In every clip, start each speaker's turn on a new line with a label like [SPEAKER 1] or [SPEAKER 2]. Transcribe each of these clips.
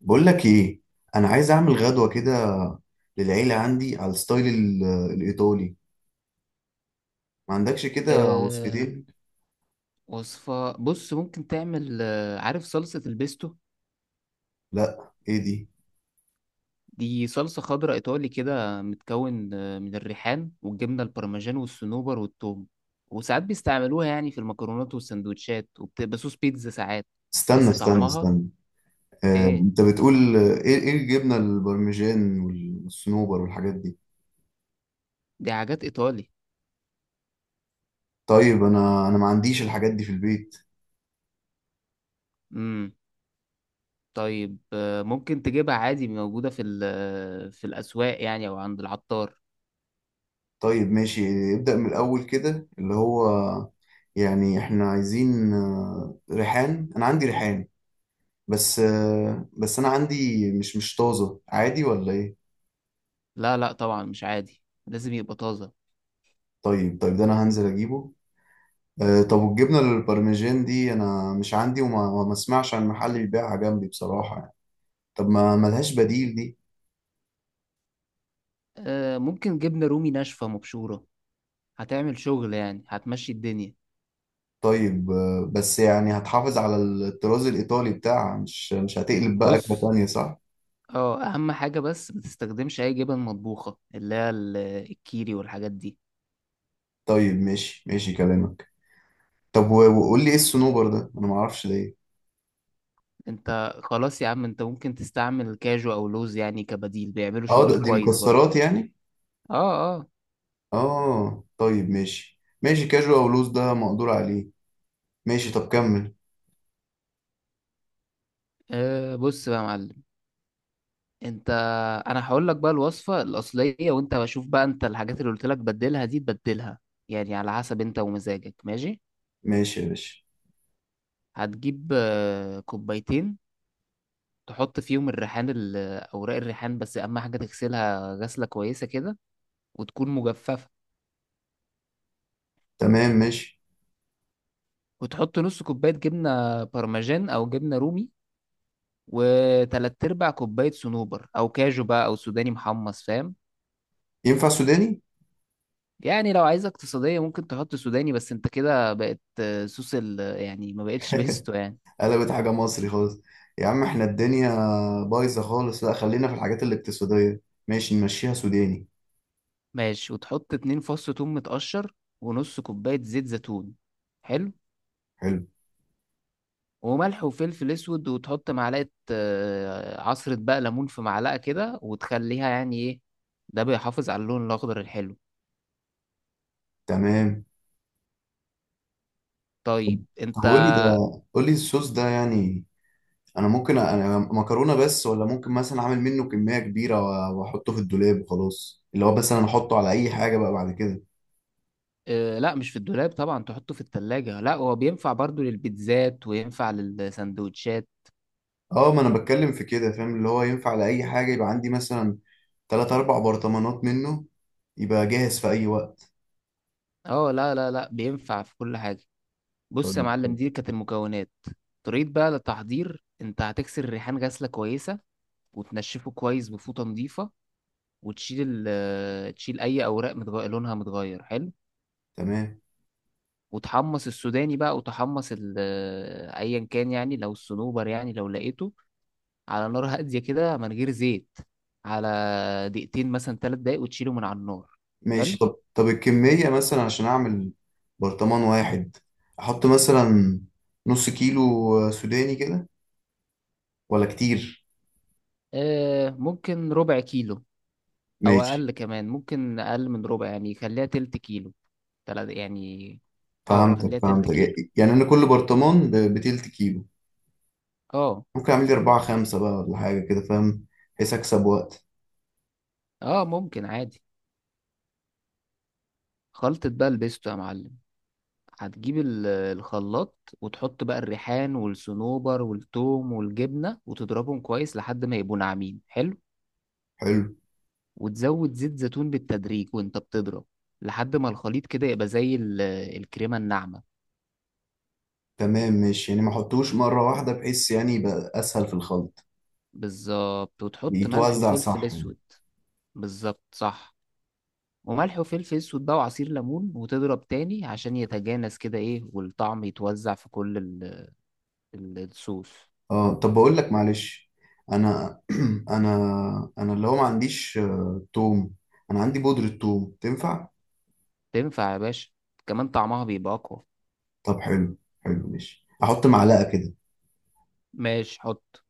[SPEAKER 1] بقول لك ايه. انا عايز اعمل غدوه كده للعيله عندي على الستايل الايطالي. ما عندكش كده
[SPEAKER 2] آه
[SPEAKER 1] وصفتين؟
[SPEAKER 2] وصفة، بص ممكن تعمل، عارف صلصة البيستو؟
[SPEAKER 1] لا، ايه دي؟
[SPEAKER 2] دي صلصة خضراء إيطالي كده، متكون من الريحان والجبنة البارميجان والصنوبر والثوم. وساعات بيستعملوها يعني في المكرونات والسندوتشات، وبتبقى صوص بيتزا ساعات،
[SPEAKER 1] استنى
[SPEAKER 2] بس
[SPEAKER 1] استنى
[SPEAKER 2] طعمها
[SPEAKER 1] استنى.
[SPEAKER 2] إيه.
[SPEAKER 1] انت بتقول، ايه الجبنه البارميجان والصنوبر والحاجات دي؟
[SPEAKER 2] دي حاجات إيطالي.
[SPEAKER 1] طيب، انا ما عنديش الحاجات دي في البيت.
[SPEAKER 2] مم. طيب، ممكن تجيبها عادي، موجودة في في الأسواق يعني، أو عند العطار.
[SPEAKER 1] طيب ماشي، ابدأ من الاول كده اللي هو. يعني احنا عايزين، ريحان، انا عندي ريحان. بس، انا عندي مش طازه، عادي ولا ايه؟
[SPEAKER 2] لا لا، طبعا مش عادي، لازم يبقى طازة.
[SPEAKER 1] طيب طيب، ده انا هنزل اجيبه. طب، والجبنه البارميجان دي انا مش عندي، وما ما اسمعش عن محل بيبيعها جنبي بصراحه يعني. طب، ما ملهاش بديل دي؟
[SPEAKER 2] آه، ممكن جبنة رومي ناشفة مبشورة، هتعمل شغل يعني، هتمشي الدنيا.
[SPEAKER 1] طيب، بس يعني هتحافظ على الطراز الايطالي بتاعها، مش هتقلب بقى اكله
[SPEAKER 2] بص،
[SPEAKER 1] تانية، صح؟
[SPEAKER 2] اه اهم حاجة، بس ما تستخدمش اي جبن مطبوخة اللي هي الكيري والحاجات دي.
[SPEAKER 1] طيب ماشي ماشي كلامك. طب وقول لي، ايه الصنوبر ده، انا ما اعرفش ده ايه.
[SPEAKER 2] انت خلاص يا عم، انت ممكن تستعمل كاجو او لوز يعني كبديل، بيعملوا
[SPEAKER 1] اه،
[SPEAKER 2] شغل
[SPEAKER 1] دي
[SPEAKER 2] كويس برضه.
[SPEAKER 1] مكسرات يعني؟
[SPEAKER 2] اه اه.
[SPEAKER 1] اه طيب، ماشي ماشي كاجوال لوز ده مقدور عليه. ماشي، طب كمل.
[SPEAKER 2] بص بقى يا معلم. انت، انا هقول لك بقى الوصفة الاصلية، وانت بشوف بقى انت الحاجات اللي قلت لك بدلها دي تبدلها، يعني على حسب انت ومزاجك، ماشي.
[SPEAKER 1] ماشي يا باشا.
[SPEAKER 2] هتجيب كوبايتين، تحط فيهم الريحان، اوراق الريحان، بس اهم حاجه تغسلها غسله كويسه كده، وتكون مجففه.
[SPEAKER 1] تمام ماشي.
[SPEAKER 2] وتحط نص كوبايه جبنه بارميجان او جبنه رومي، وتلات ارباع كوبايه صنوبر او كاجو بقى او سوداني محمص، فاهم.
[SPEAKER 1] ينفع سوداني؟
[SPEAKER 2] يعني لو عايزه اقتصاديه ممكن تحط سوداني، بس انت كده بقت صوص ال يعني، ما بقتش بيستو يعني.
[SPEAKER 1] قلبت حاجة مصري خالص. يا عم، احنا الدنيا بايظة خالص، لا خلينا في الحاجات الاقتصادية. ماشي، نمشيها سوداني.
[SPEAKER 2] ماشي، وتحط 2 فص ثوم متقشر ونص كوبايه زيت زيتون. حلو.
[SPEAKER 1] حلو.
[SPEAKER 2] وملح وفلفل اسود، وتحط معلقه عصره بقى ليمون في معلقه كده، وتخليها يعني ايه، ده بيحافظ على اللون الاخضر الحلو.
[SPEAKER 1] تمام.
[SPEAKER 2] طيب
[SPEAKER 1] طب
[SPEAKER 2] انت.
[SPEAKER 1] قول لي ده، قول لي الصوص ده يعني انا ممكن انا مكرونة بس، ولا ممكن مثلا اعمل منه كمية كبيرة واحطه في الدولاب وخلاص، اللي هو مثلا احطه على اي حاجة بقى بعد كده.
[SPEAKER 2] لا مش في الدولاب طبعا، تحطه في التلاجة، لا هو بينفع برضو للبيتزات وينفع للسندوتشات.
[SPEAKER 1] اه، ما انا بتكلم في كده، فاهم، اللي هو ينفع على اي حاجة، يبقى عندي مثلا تلات اربع برطمانات منه، يبقى جاهز في اي وقت.
[SPEAKER 2] اه لا لا لا، بينفع في كل حاجة. بص يا
[SPEAKER 1] طيب.
[SPEAKER 2] معلم، دي كانت المكونات. طريقة بقى للتحضير، انت هتكسر الريحان غسلة كويسة، وتنشفه كويس بفوطة نظيفة، وتشيل تشيل اي اوراق لونها متغير. حلو.
[SPEAKER 1] تمام
[SPEAKER 2] وتحمص السوداني بقى، وتحمص ايا كان يعني، لو الصنوبر يعني لو لقيته، على نار هاديه كده من غير زيت، على دقيقتين مثلا 3 دقايق، وتشيله من على النار.
[SPEAKER 1] ماشي،
[SPEAKER 2] حلو.
[SPEAKER 1] طب الكمية مثلا عشان أعمل برطمان واحد، أحط مثلا نص كيلو سوداني كده، ولا كتير؟
[SPEAKER 2] آه، ممكن ربع كيلو، او
[SPEAKER 1] ماشي.
[SPEAKER 2] اقل كمان، ممكن اقل من ربع، يعني خليها تلت كيلو، تلات يعني. اه،
[SPEAKER 1] فهمتك
[SPEAKER 2] خليها تلت
[SPEAKER 1] فهمتك.
[SPEAKER 2] كيلو.
[SPEAKER 1] يعني أنا كل برطمان بتلت كيلو،
[SPEAKER 2] اه.
[SPEAKER 1] ممكن أعمل لي أربعة خمسة بقى ولا حاجة كده، فاهم، بحيث أكسب وقت.
[SPEAKER 2] اه، ممكن عادي. خلطة بقى البيستو يا معلم، هتجيب الخلاط، وتحط بقى الريحان والصنوبر والثوم والجبنة، وتضربهم كويس لحد ما يبقوا ناعمين. حلو.
[SPEAKER 1] حلو.
[SPEAKER 2] وتزود زيت زيتون بالتدريج، وانت بتضرب، لحد ما الخليط كده يبقى زي الكريمة الناعمة.
[SPEAKER 1] تمام ماشي، يعني ما أحطوش مرة واحدة بحيث يعني يبقى أسهل في الخلط.
[SPEAKER 2] بالظبط، وتحط ملح
[SPEAKER 1] يتوزع
[SPEAKER 2] وفلفل
[SPEAKER 1] صح يعني.
[SPEAKER 2] اسود. بالظبط صح. وملح وفلفل اسود بقى، وعصير ليمون، وتضرب تاني عشان يتجانس كده ايه، والطعم يتوزع في كل الصوص.
[SPEAKER 1] اه طب، بقول لك معلش. انا انا، انا اللي هو ما عنديش، توم. انا عندي بودرة توم، تنفع؟
[SPEAKER 2] تنفع يا باشا، كمان طعمها بيبقى اقوى.
[SPEAKER 1] طب حلو. حلو ماشي، احط معلقة كده.
[SPEAKER 2] ماشي حط.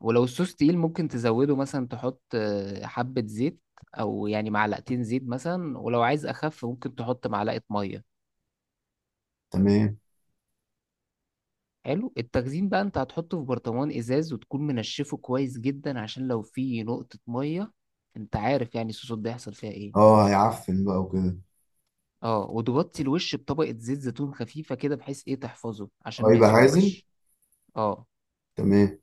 [SPEAKER 2] ولو الصوص تقيل ممكن تزوده مثلا، تحط حبة زيت، أو يعني معلقتين زيت مثلا، ولو عايز أخف ممكن تحط معلقة مية.
[SPEAKER 1] تمام.
[SPEAKER 2] حلو. التخزين بقى، أنت هتحطه في برطمان إزاز، وتكون منشفه كويس جدا عشان لو فيه نقطة مية، أنت عارف يعني الصوصات ده يحصل فيها إيه.
[SPEAKER 1] اه، هيعفن بقى وكده.
[SPEAKER 2] اه، وتغطي الوش بطبقة زيت زيتون خفيفة كده، بحيث إيه تحفظه عشان
[SPEAKER 1] اه،
[SPEAKER 2] ما
[SPEAKER 1] يبقى عازل.
[SPEAKER 2] يسودش. اه.
[SPEAKER 1] تمام.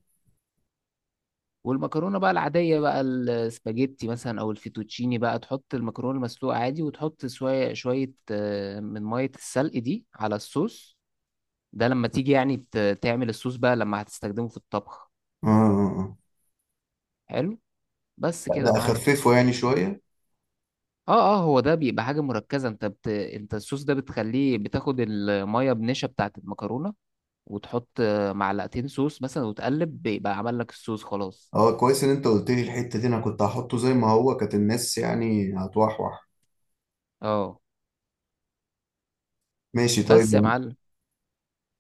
[SPEAKER 2] والمكرونه بقى العاديه بقى، السباجيتي مثلا او الفيتوتشيني بقى، تحط المكرونه المسلوقه عادي، وتحط شويه شويه من ميه السلق دي على الصوص، ده لما تيجي يعني تعمل الصوص بقى، لما هتستخدمه في الطبخ.
[SPEAKER 1] اه اه اه.
[SPEAKER 2] حلو. بس
[SPEAKER 1] لا،
[SPEAKER 2] كده
[SPEAKER 1] ده
[SPEAKER 2] يا معلم.
[SPEAKER 1] اخففه يعني شوية.
[SPEAKER 2] اه. اه هو ده بيبقى حاجه مركزه، انت انت الصوص ده بتخليه بتاخد الميه بنشا بتاعه المكرونه، وتحط معلقتين صوص مثلا وتقلب، بيبقى عمل لك الصوص خلاص.
[SPEAKER 1] اه، كويس ان انت قلت لي الحتة دي، انا كنت هحطه زي ما هو، كانت الناس يعني هتوحوح.
[SPEAKER 2] اه.
[SPEAKER 1] ماشي طيب.
[SPEAKER 2] بس يا معلم.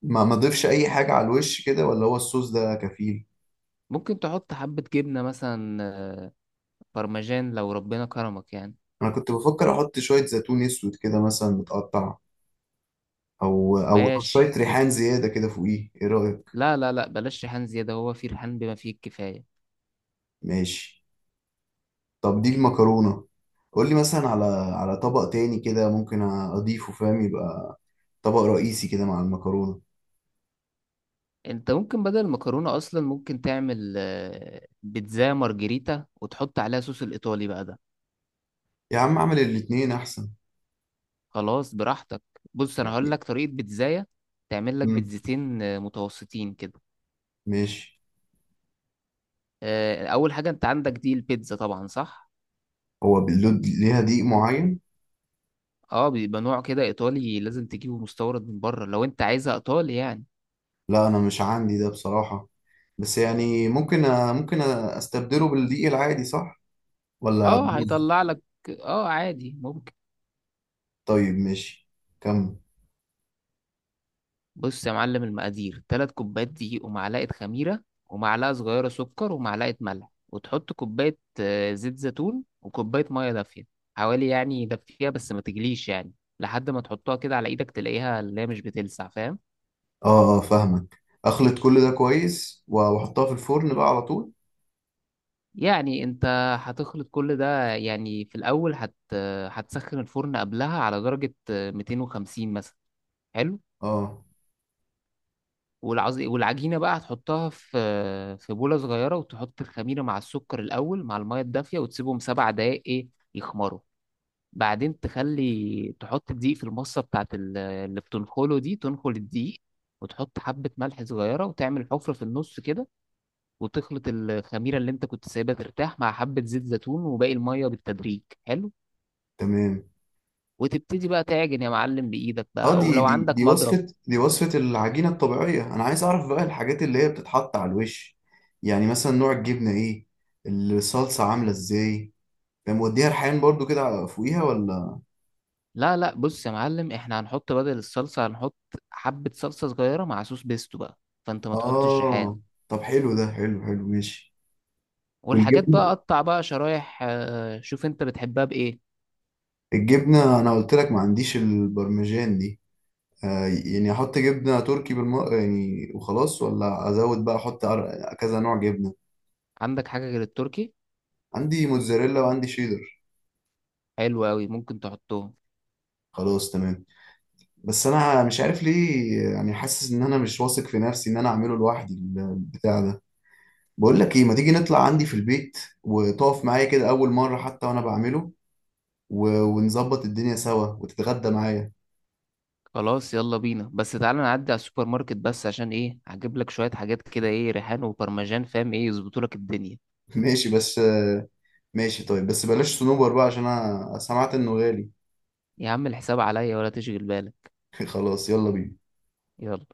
[SPEAKER 1] ما اضيفش اي حاجة على الوش كده، ولا هو الصوص ده كفيل؟
[SPEAKER 2] ممكن تحط حبة جبنة مثلا برمجان، لو ربنا كرمك يعني.
[SPEAKER 1] انا كنت بفكر احط شوية زيتون اسود كده مثلا متقطع، او شويه
[SPEAKER 2] ماشي.
[SPEAKER 1] ريحان زياده كده فوقيه، ايه رايك؟
[SPEAKER 2] لا لا لا، بلاش ريحان زيادة، هو في ريحان بما فيه الكفاية.
[SPEAKER 1] ماشي. طب دي المكرونه. قول لي مثلا على طبق تاني كده، ممكن اضيفه، فاهم، يبقى طبق رئيسي كده مع المكرونه.
[SPEAKER 2] انت ممكن بدل المكرونة اصلا ممكن تعمل بيتزا مارجريتا، وتحط عليها صوص الايطالي بقى ده.
[SPEAKER 1] يا عم اعمل الاتنين احسن.
[SPEAKER 2] خلاص براحتك. بص، انا هقول
[SPEAKER 1] يعني.
[SPEAKER 2] لك طريقة بيتزاية. تعمل لك
[SPEAKER 1] مم،
[SPEAKER 2] بيتزتين متوسطين كده.
[SPEAKER 1] ماشي.
[SPEAKER 2] اول حاجة، انت عندك دي البيتزا طبعا صح.
[SPEAKER 1] هو باللود ليها دقيق معين؟
[SPEAKER 2] اه، بيبقى نوع كده ايطالي، لازم تجيبه مستورد من بره، لو انت عايزها ايطالي يعني.
[SPEAKER 1] لا، انا مش عندي ده بصراحه، بس يعني ممكن استبدله بالدقيق العادي صح، ولا
[SPEAKER 2] اه،
[SPEAKER 1] هتبوظ؟
[SPEAKER 2] هيطلع لك. اه، عادي ممكن.
[SPEAKER 1] طيب ماشي، كمل.
[SPEAKER 2] بص يا معلم، المقادير 3 كوبايات دقيق، ومعلقة خميرة، ومعلقة صغيرة سكر، ومعلقة ملح، وتحط كوباية زيت زيتون، وكوباية مية دافية، حوالي يعني دافية بس ما تجليش يعني، لحد ما تحطها كده على ايدك تلاقيها اللي هي مش بتلسع، فاهم.
[SPEAKER 1] اه اه، فاهمك، اخلط كل ده كويس واحطها في الفرن بقى على طول.
[SPEAKER 2] يعني انت هتخلط كل ده، يعني في الاول هتسخن الفرن قبلها على درجة 250 مثلا. حلو.
[SPEAKER 1] اه.
[SPEAKER 2] والعجينة بقى هتحطها في بولة صغيرة، وتحط الخميرة مع السكر الأول مع المية الدافية، وتسيبهم 7 دقايق إيه يخمروا. بعدين تخلي تحط الدقيق في المصة بتاعت اللي بتنخله دي، تنخل الدقيق، وتحط حبة ملح صغيرة، وتعمل حفرة في النص كده، وتخلط الخميرة اللي أنت كنت سايبها ترتاح مع حبة زيت زيتون وباقي المية بالتدريج. حلو.
[SPEAKER 1] تمام.
[SPEAKER 2] وتبتدي بقى تعجن يا معلم بإيدك
[SPEAKER 1] اه،
[SPEAKER 2] بقى،
[SPEAKER 1] دي ف-
[SPEAKER 2] ولو
[SPEAKER 1] دي
[SPEAKER 2] عندك
[SPEAKER 1] دي
[SPEAKER 2] مضرب.
[SPEAKER 1] وصفة، دي وصفة العجينة الطبيعية، انا عايز اعرف بقى الحاجات اللي هي بتتحط على الوش، يعني مثلا نوع الجبنة ايه، الصلصة عاملة ازاي، ده موديها ريحان برضو كده فوقيها ولا؟
[SPEAKER 2] لا لا، بص يا معلم، احنا هنحط بدل الصلصة هنحط حبة صلصة صغيرة مع صوص بيستو بقى، فانت ما تحطش ريحان.
[SPEAKER 1] اه. طب حلو ده، حلو حلو ماشي.
[SPEAKER 2] والحاجات بقى
[SPEAKER 1] والجبنة.
[SPEAKER 2] قطع بقى شرايح شوف انت بتحبها بايه.
[SPEAKER 1] الجبنة انا قلت لك ما عنديش البرمجان دي. يعني احط جبنة تركي يعني وخلاص، ولا ازود بقى، احط كذا نوع جبنة؟
[SPEAKER 2] عندك حاجة غير التركي؟
[SPEAKER 1] عندي موتزاريلا وعندي شيدر.
[SPEAKER 2] حلو قوي، ممكن تحطهم.
[SPEAKER 1] خلاص تمام. بس انا مش عارف ليه، يعني حاسس ان انا مش واثق في نفسي ان انا اعمله لوحدي البتاع ده. بقول لك ايه، ما تيجي نطلع عندي في البيت وتقف معايا كده اول مرة حتى وانا بعمله، ونظبط الدنيا سوا وتتغدى معايا.
[SPEAKER 2] خلاص يلا بينا، بس تعالى نعدي على السوبر ماركت بس، عشان ايه هجيب لك شوية حاجات كده، ايه ريحان وبرمجان، فاهم، ايه يظبطوا لك الدنيا.
[SPEAKER 1] ماشي بس. ماشي طيب، بس بلاش صنوبر بقى عشان انا سمعت انه غالي.
[SPEAKER 2] يا عم الحساب عليا، ولا تشغل بالك.
[SPEAKER 1] خلاص، يلا بينا.
[SPEAKER 2] يلا.